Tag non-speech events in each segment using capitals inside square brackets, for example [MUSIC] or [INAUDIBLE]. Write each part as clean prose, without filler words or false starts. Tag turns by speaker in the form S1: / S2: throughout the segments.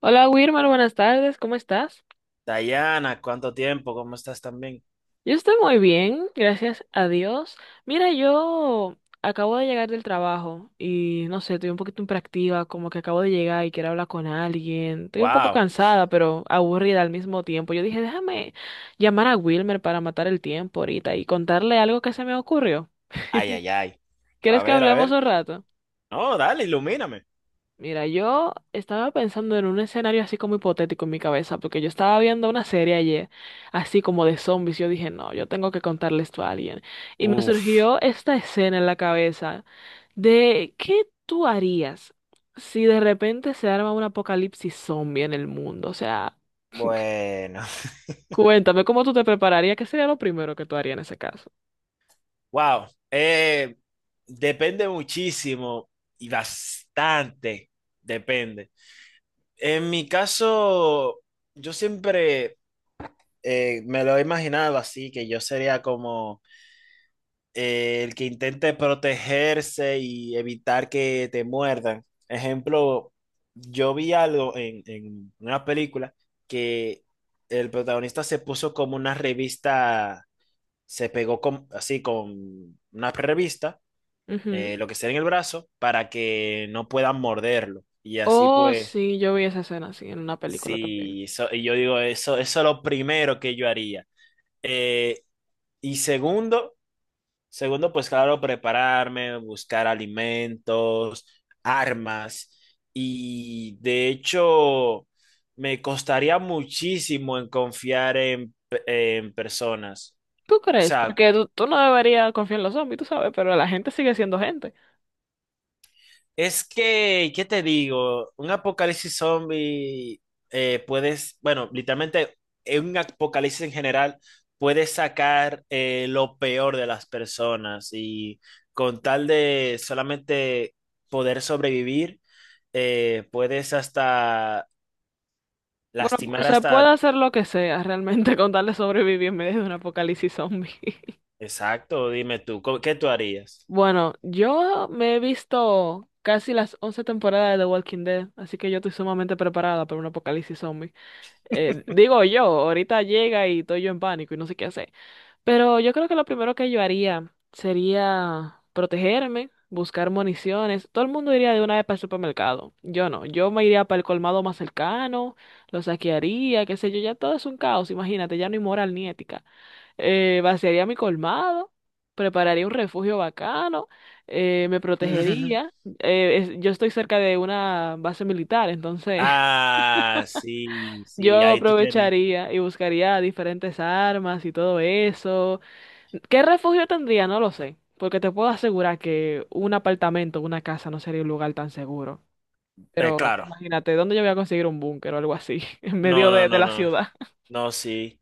S1: Hola Wilmar, buenas tardes, ¿cómo estás?
S2: Dayana, ¿cuánto tiempo? ¿Cómo estás también?
S1: Yo estoy muy bien, gracias a Dios. Mira, yo acabo de llegar del trabajo y no sé, estoy un poquito impractiva, como que acabo de llegar y quiero hablar con alguien. Estoy un poco
S2: Wow.
S1: cansada, pero aburrida al mismo tiempo. Yo dije, déjame llamar a Wilmer para matar el tiempo ahorita y contarle algo que se me ocurrió.
S2: Ay, ay, ay.
S1: ¿Quieres
S2: A
S1: que
S2: ver, a
S1: hablemos
S2: ver.
S1: un rato?
S2: No, dale, ilumíname.
S1: Mira, yo estaba pensando en un escenario así como hipotético en mi cabeza, porque yo estaba viendo una serie ayer, así como de zombies, y yo dije, no, yo tengo que contarle esto a alguien. Y me
S2: Uf.
S1: surgió esta escena en la cabeza de qué tú harías si de repente se arma un apocalipsis zombie en el mundo. O sea,
S2: Bueno. [LAUGHS]
S1: cuéntame cómo tú te prepararías, qué sería lo primero que tú harías en ese caso.
S2: Wow. Eh, Depende muchísimo y bastante. Depende. En mi caso, yo siempre me lo he imaginado así, que yo sería como el que intente protegerse y evitar que te muerdan. Ejemplo, yo vi algo en una película que el protagonista se puso como una revista, así con una revista,
S1: Ujú.
S2: lo que sea en el brazo, para que no puedan morderlo. Y así
S1: Oh,
S2: pues,
S1: sí, yo vi esa escena así en una película también.
S2: sí, y yo digo, eso es lo primero que yo haría. Eh, y segundo, Segundo, pues claro, prepararme, buscar alimentos, armas. Y de hecho, me costaría muchísimo en confiar en personas.
S1: ¿Tú
S2: O
S1: crees?
S2: sea,
S1: Porque tú no deberías confiar en los zombies, tú sabes, pero la gente sigue siendo gente.
S2: es que, ¿qué te digo? Un apocalipsis zombie, puedes, bueno, literalmente en un apocalipsis en general, puedes sacar lo peor de las personas y con tal de solamente poder sobrevivir, puedes hasta
S1: Bueno,
S2: lastimar
S1: se puede
S2: hasta...
S1: hacer lo que sea realmente [LAUGHS] con tal de sobrevivir en medio de un apocalipsis zombie. [LAUGHS]
S2: Exacto, dime tú, ¿qué tú harías?
S1: Bueno, yo me he visto casi las 11 temporadas de The Walking Dead, así que yo estoy sumamente preparada para un apocalipsis zombie. Digo yo, ahorita llega y estoy yo en pánico y no sé qué hacer. Pero yo creo que lo primero que yo haría sería protegerme, buscar municiones. Todo el mundo iría de una vez para el supermercado. Yo no, yo me iría para el colmado más cercano, lo saquearía, qué sé yo, ya todo es un caos, imagínate, ya no hay moral ni ética. Vaciaría mi colmado, prepararía un refugio bacano, me
S2: [LAUGHS]
S1: protegería. Yo estoy cerca de una base militar, entonces [LAUGHS]
S2: Ah, sí, sí,
S1: yo
S2: ahí tú tienes.
S1: aprovecharía y buscaría diferentes armas y todo eso. ¿Qué refugio tendría? No lo sé, porque te puedo asegurar que un apartamento, una casa no sería un lugar tan seguro.
S2: Eh,
S1: Pero
S2: claro,
S1: imagínate, ¿dónde yo voy a conseguir un búnker o algo así? [LAUGHS] En
S2: no,
S1: medio
S2: no,
S1: de
S2: no,
S1: la
S2: no.
S1: ciudad.
S2: No, sí.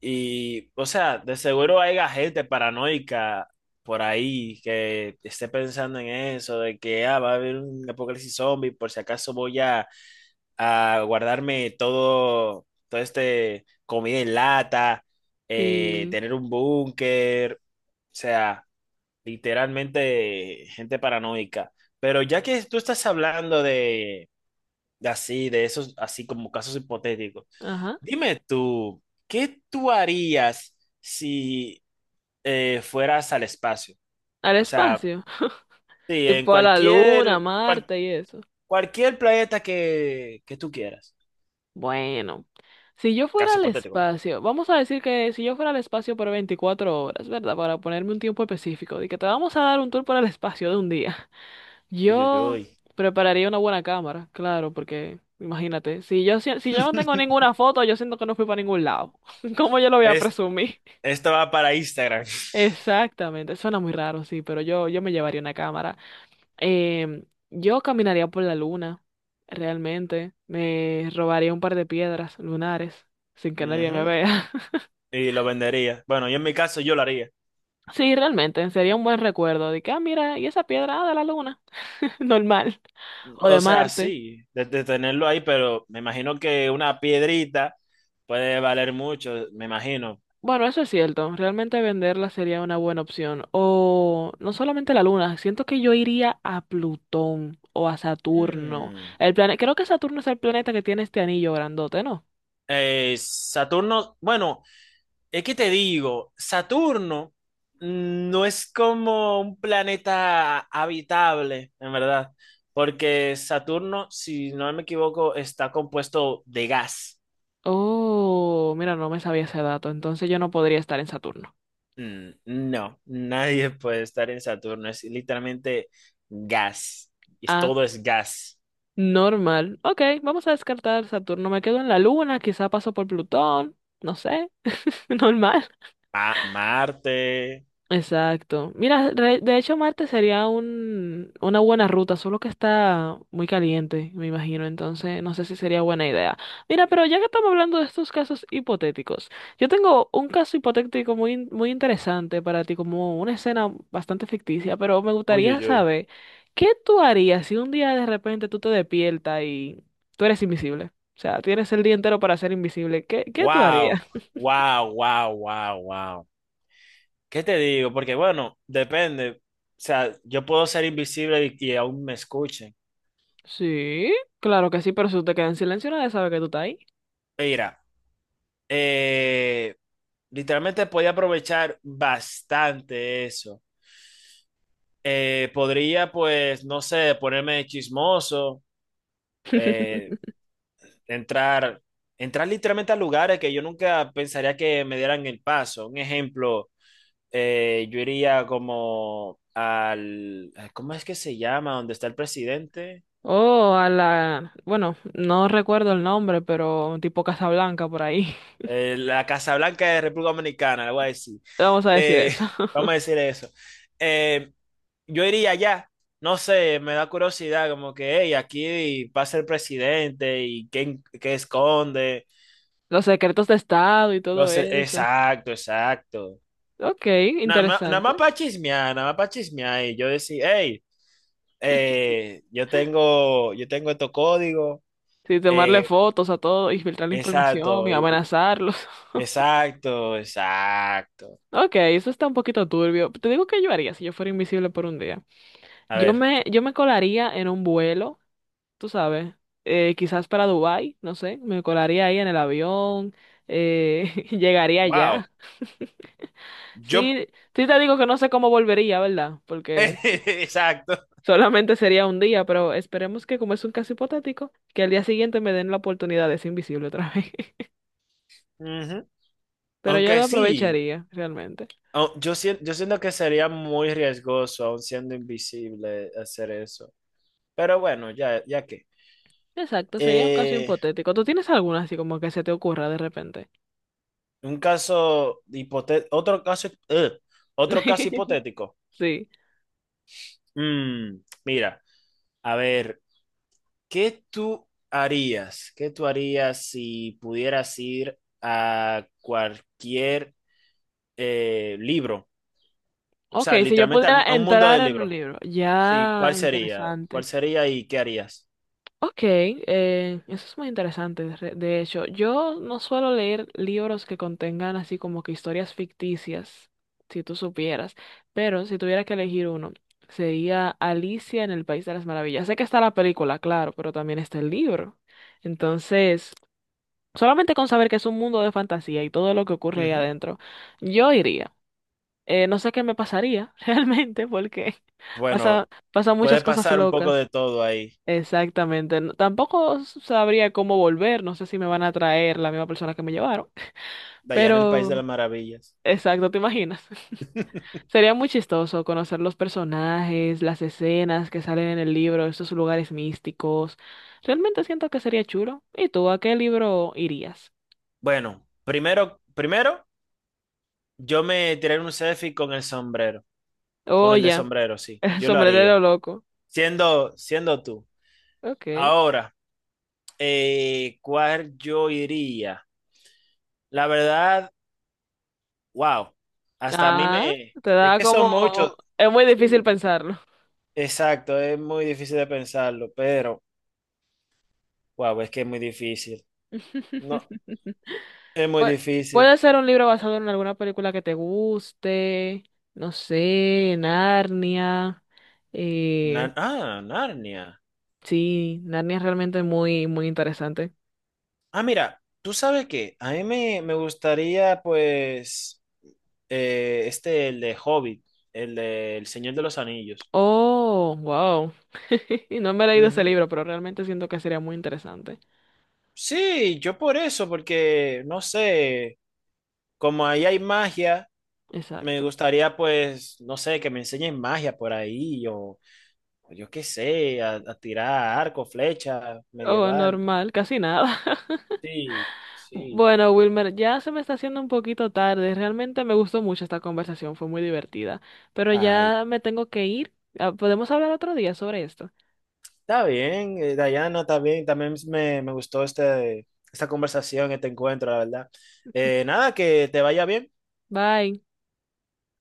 S2: Y, o sea, de seguro hay gente paranoica por ahí que esté pensando en eso, de que ah, va a haber un apocalipsis zombie, por si acaso voy a guardarme todo, este comida en lata,
S1: Sí,
S2: tener un búnker, o sea, literalmente gente paranoica. Pero ya que tú estás hablando de así, de esos, así como casos hipotéticos.
S1: ajá,
S2: Dime tú, ¿qué tú harías si fueras al espacio?
S1: al
S2: O sea,
S1: espacio,
S2: sí,
S1: tipo a la luna, Marte y eso.
S2: cualquier planeta que tú quieras.
S1: Bueno, si yo fuera
S2: Casi
S1: al
S2: hipotético, ¿verdad?
S1: espacio, vamos a decir que si yo fuera al espacio por 24 horas, ¿verdad? Para ponerme un tiempo específico, de que te vamos a dar un tour por el espacio de un día.
S2: Uy, uy,
S1: Yo
S2: uy.
S1: prepararía una buena cámara, claro, porque imagínate, si yo no tengo ninguna
S2: [LAUGHS]
S1: foto, yo siento que no fui para ningún lado. [LAUGHS] ¿Cómo yo lo voy a
S2: Es-
S1: presumir?
S2: esto va para Instagram.
S1: Exactamente, suena muy raro, sí, pero yo me llevaría una cámara. Yo caminaría por la luna, realmente. Me robaría un par de piedras lunares sin
S2: [LAUGHS]
S1: que nadie me
S2: Ujú.
S1: vea. [LAUGHS]
S2: Y lo vendería. Bueno, yo en mi caso yo lo haría.
S1: Sí, realmente, sería un buen recuerdo de que, ah, mira, y esa piedra, ah, de la luna, [LAUGHS] normal, o de
S2: O sea,
S1: Marte.
S2: sí, de tenerlo ahí, pero me imagino que una piedrita puede valer mucho, me imagino.
S1: Bueno, eso es cierto. Realmente venderla sería una buena opción. O no solamente la Luna, siento que yo iría a Plutón o a Saturno.
S2: Mm.
S1: Creo que Saturno es el planeta que tiene este anillo grandote, ¿no?
S2: Saturno, bueno, es que te digo, Saturno no es como un planeta habitable, en verdad, porque Saturno, si no me equivoco, está compuesto de gas.
S1: Oh, mira, no me sabía ese dato. Entonces yo no podría estar en Saturno.
S2: Mm, no, nadie puede estar en Saturno, es literalmente gas, y
S1: Ah,
S2: todo es gas.
S1: normal. Ok, vamos a descartar Saturno. Me quedo en la Luna, quizá paso por Plutón. No sé. [LAUGHS] Normal.
S2: Ah, Marte,
S1: Exacto. Mira, de hecho Marte sería una buena ruta, solo que está muy caliente, me imagino, entonces no sé si sería buena idea. Mira, pero ya que estamos hablando de estos casos hipotéticos, yo tengo un caso hipotético muy interesante para ti, como una escena bastante ficticia, pero me
S2: uy,
S1: gustaría
S2: uy, uy.
S1: saber, ¿qué tú harías si un día de repente tú te despiertas y tú eres invisible? O sea, tienes el día entero para ser invisible. Qué tú
S2: Wow,
S1: harías?
S2: wow. ¿Qué te digo? Porque bueno, depende. O sea, yo puedo ser invisible y aún me escuchen.
S1: Sí, claro que sí, pero si tú te quedas en silencio, nadie sabe que tú estás ahí.
S2: Mira, eh, literalmente podía aprovechar bastante eso. Podría, pues, no sé, ponerme chismoso, eh,
S1: [LAUGHS]
S2: entrar, entrar literalmente a lugares que yo nunca pensaría que me dieran el paso. Un ejemplo, yo iría como al, ¿cómo es que se llama? ¿Dónde está el presidente?
S1: Oh, a la, bueno, no recuerdo el nombre, pero tipo Casablanca por ahí. [LAUGHS]
S2: La Casa Blanca de República Dominicana, le voy a decir.
S1: Vamos a decir
S2: Eh,
S1: eso.
S2: [LAUGHS] vamos
S1: [LAUGHS]
S2: a decir eso. Eh, yo iría allá, no sé, me da curiosidad, como que, hey, aquí pasa el presidente y qué, qué esconde.
S1: Los secretos de Estado y
S2: No
S1: todo
S2: sé,
S1: eso.
S2: exacto, exacto.
S1: Ok,
S2: Nada más, nada
S1: interesante.
S2: más para chismear, nada más para chismear. Y yo decía, hey, yo tengo estos códigos.
S1: Sí, tomarle
S2: Eh,
S1: fotos a todo, y filtrar la información y
S2: exacto,
S1: amenazarlos. [LAUGHS]
S2: exacto, exacto.
S1: Ok, eso está un poquito turbio. Te digo que yo haría si yo fuera invisible por un día.
S2: A ver,
S1: Yo me colaría en un vuelo, tú sabes, quizás para Dubái, no sé, me colaría ahí en el avión, [LAUGHS] llegaría
S2: wow.
S1: allá.
S2: Yo,
S1: Sí, sí te digo que no sé cómo volvería, ¿verdad?
S2: [LAUGHS]
S1: Porque
S2: exacto.
S1: solamente sería un día, pero esperemos que como es un caso hipotético, que al día siguiente me den la oportunidad de ser invisible otra vez. [LAUGHS]
S2: Ujú.
S1: Pero yo
S2: Aunque
S1: la
S2: sí,
S1: aprovecharía, realmente.
S2: yo siento que sería muy riesgoso, aun siendo invisible, hacer eso. Pero bueno, ya, ya que.
S1: Exacto, sería un caso
S2: Eh,
S1: hipotético. ¿Tú tienes alguna así como que se te ocurra de repente?
S2: un caso hipotético, otro caso, ugh, otro caso
S1: [LAUGHS]
S2: hipotético.
S1: Sí.
S2: Mm, mira, a ver, ¿qué tú harías? ¿Qué tú harías si pudieras ir a cualquier libro? O
S1: Ok,
S2: sea,
S1: si yo
S2: literalmente
S1: pudiera
S2: a un mundo
S1: entrar
S2: de
S1: en un
S2: libros.
S1: libro,
S2: Sí,
S1: ya
S2: ¿cuál sería? ¿Cuál
S1: interesante.
S2: sería y qué harías?
S1: Ok, eso es muy interesante. De hecho, yo no suelo leer libros que contengan así como que historias ficticias, si tú supieras, pero si tuviera que elegir uno, sería Alicia en el País de las Maravillas. Sé que está la película, claro, pero también está el libro. Entonces, solamente con saber que es un mundo de fantasía y todo lo que ocurre ahí
S2: Ujú.
S1: adentro, yo iría. No sé qué me pasaría [LAUGHS] realmente porque [LAUGHS]
S2: Bueno,
S1: pasan muchas
S2: puede
S1: cosas
S2: pasar un poco
S1: locas.
S2: de todo ahí,
S1: Exactamente. No- Tampoco sabría cómo volver. No sé si me van a traer la misma persona que me llevaron.
S2: de allá en el País de
S1: Pero,
S2: las Maravillas.
S1: exacto, ¿te imaginas? [LAUGHS]
S2: [LAUGHS]
S1: Sería muy chistoso conocer los personajes, las escenas que salen en el libro, esos lugares místicos. Realmente siento que sería chulo. ¿Y tú a qué libro irías?
S2: Bueno, primero, primero, yo me tiré un selfie con el sombrero, con
S1: Oh,
S2: el de
S1: ya.
S2: sombrero,
S1: [LAUGHS]
S2: sí,
S1: El
S2: yo lo
S1: sombrerero
S2: haría,
S1: loco.
S2: siendo, siendo tú.
S1: Ok.
S2: Ahora, ¿cuál yo iría? La verdad, wow, hasta a mí
S1: Ah,
S2: me,
S1: te
S2: de
S1: da
S2: que son
S1: como...
S2: muchos,
S1: Es muy difícil
S2: sí,
S1: pensarlo.
S2: exacto, es muy difícil de pensarlo, pero wow, es que es muy difícil.
S1: [LAUGHS]
S2: No, es muy
S1: Pu-
S2: difícil.
S1: Puede ser un libro basado en alguna película que te guste, no sé, Narnia. Eh,
S2: Ah, Narnia.
S1: sí, Narnia es realmente muy interesante.
S2: Ah, mira, ¿tú sabes qué? A mí me, me gustaría, pues, este, el de Hobbit, el de El Señor de los Anillos.
S1: Oh, wow. [LAUGHS] No me he leído ese
S2: Ujú.
S1: libro, pero realmente siento que sería muy interesante.
S2: Sí, yo por eso, porque, no sé, como ahí hay magia, me
S1: Exacto.
S2: gustaría, pues, no sé, que me enseñen magia por ahí, o yo qué sé, a tirar arco, flecha
S1: Oh,
S2: medieval.
S1: normal, casi nada. [LAUGHS]
S2: Sí, sí.
S1: Bueno, Wilmer, ya se me está haciendo un poquito tarde. Realmente me gustó mucho esta conversación, fue muy divertida. Pero
S2: Ay,
S1: ya me tengo que ir. Ah, podemos hablar otro día sobre esto.
S2: está bien, Dayana, está bien. También me gustó este, esta conversación, este encuentro, la verdad. Nada, que te vaya bien.
S1: Bye.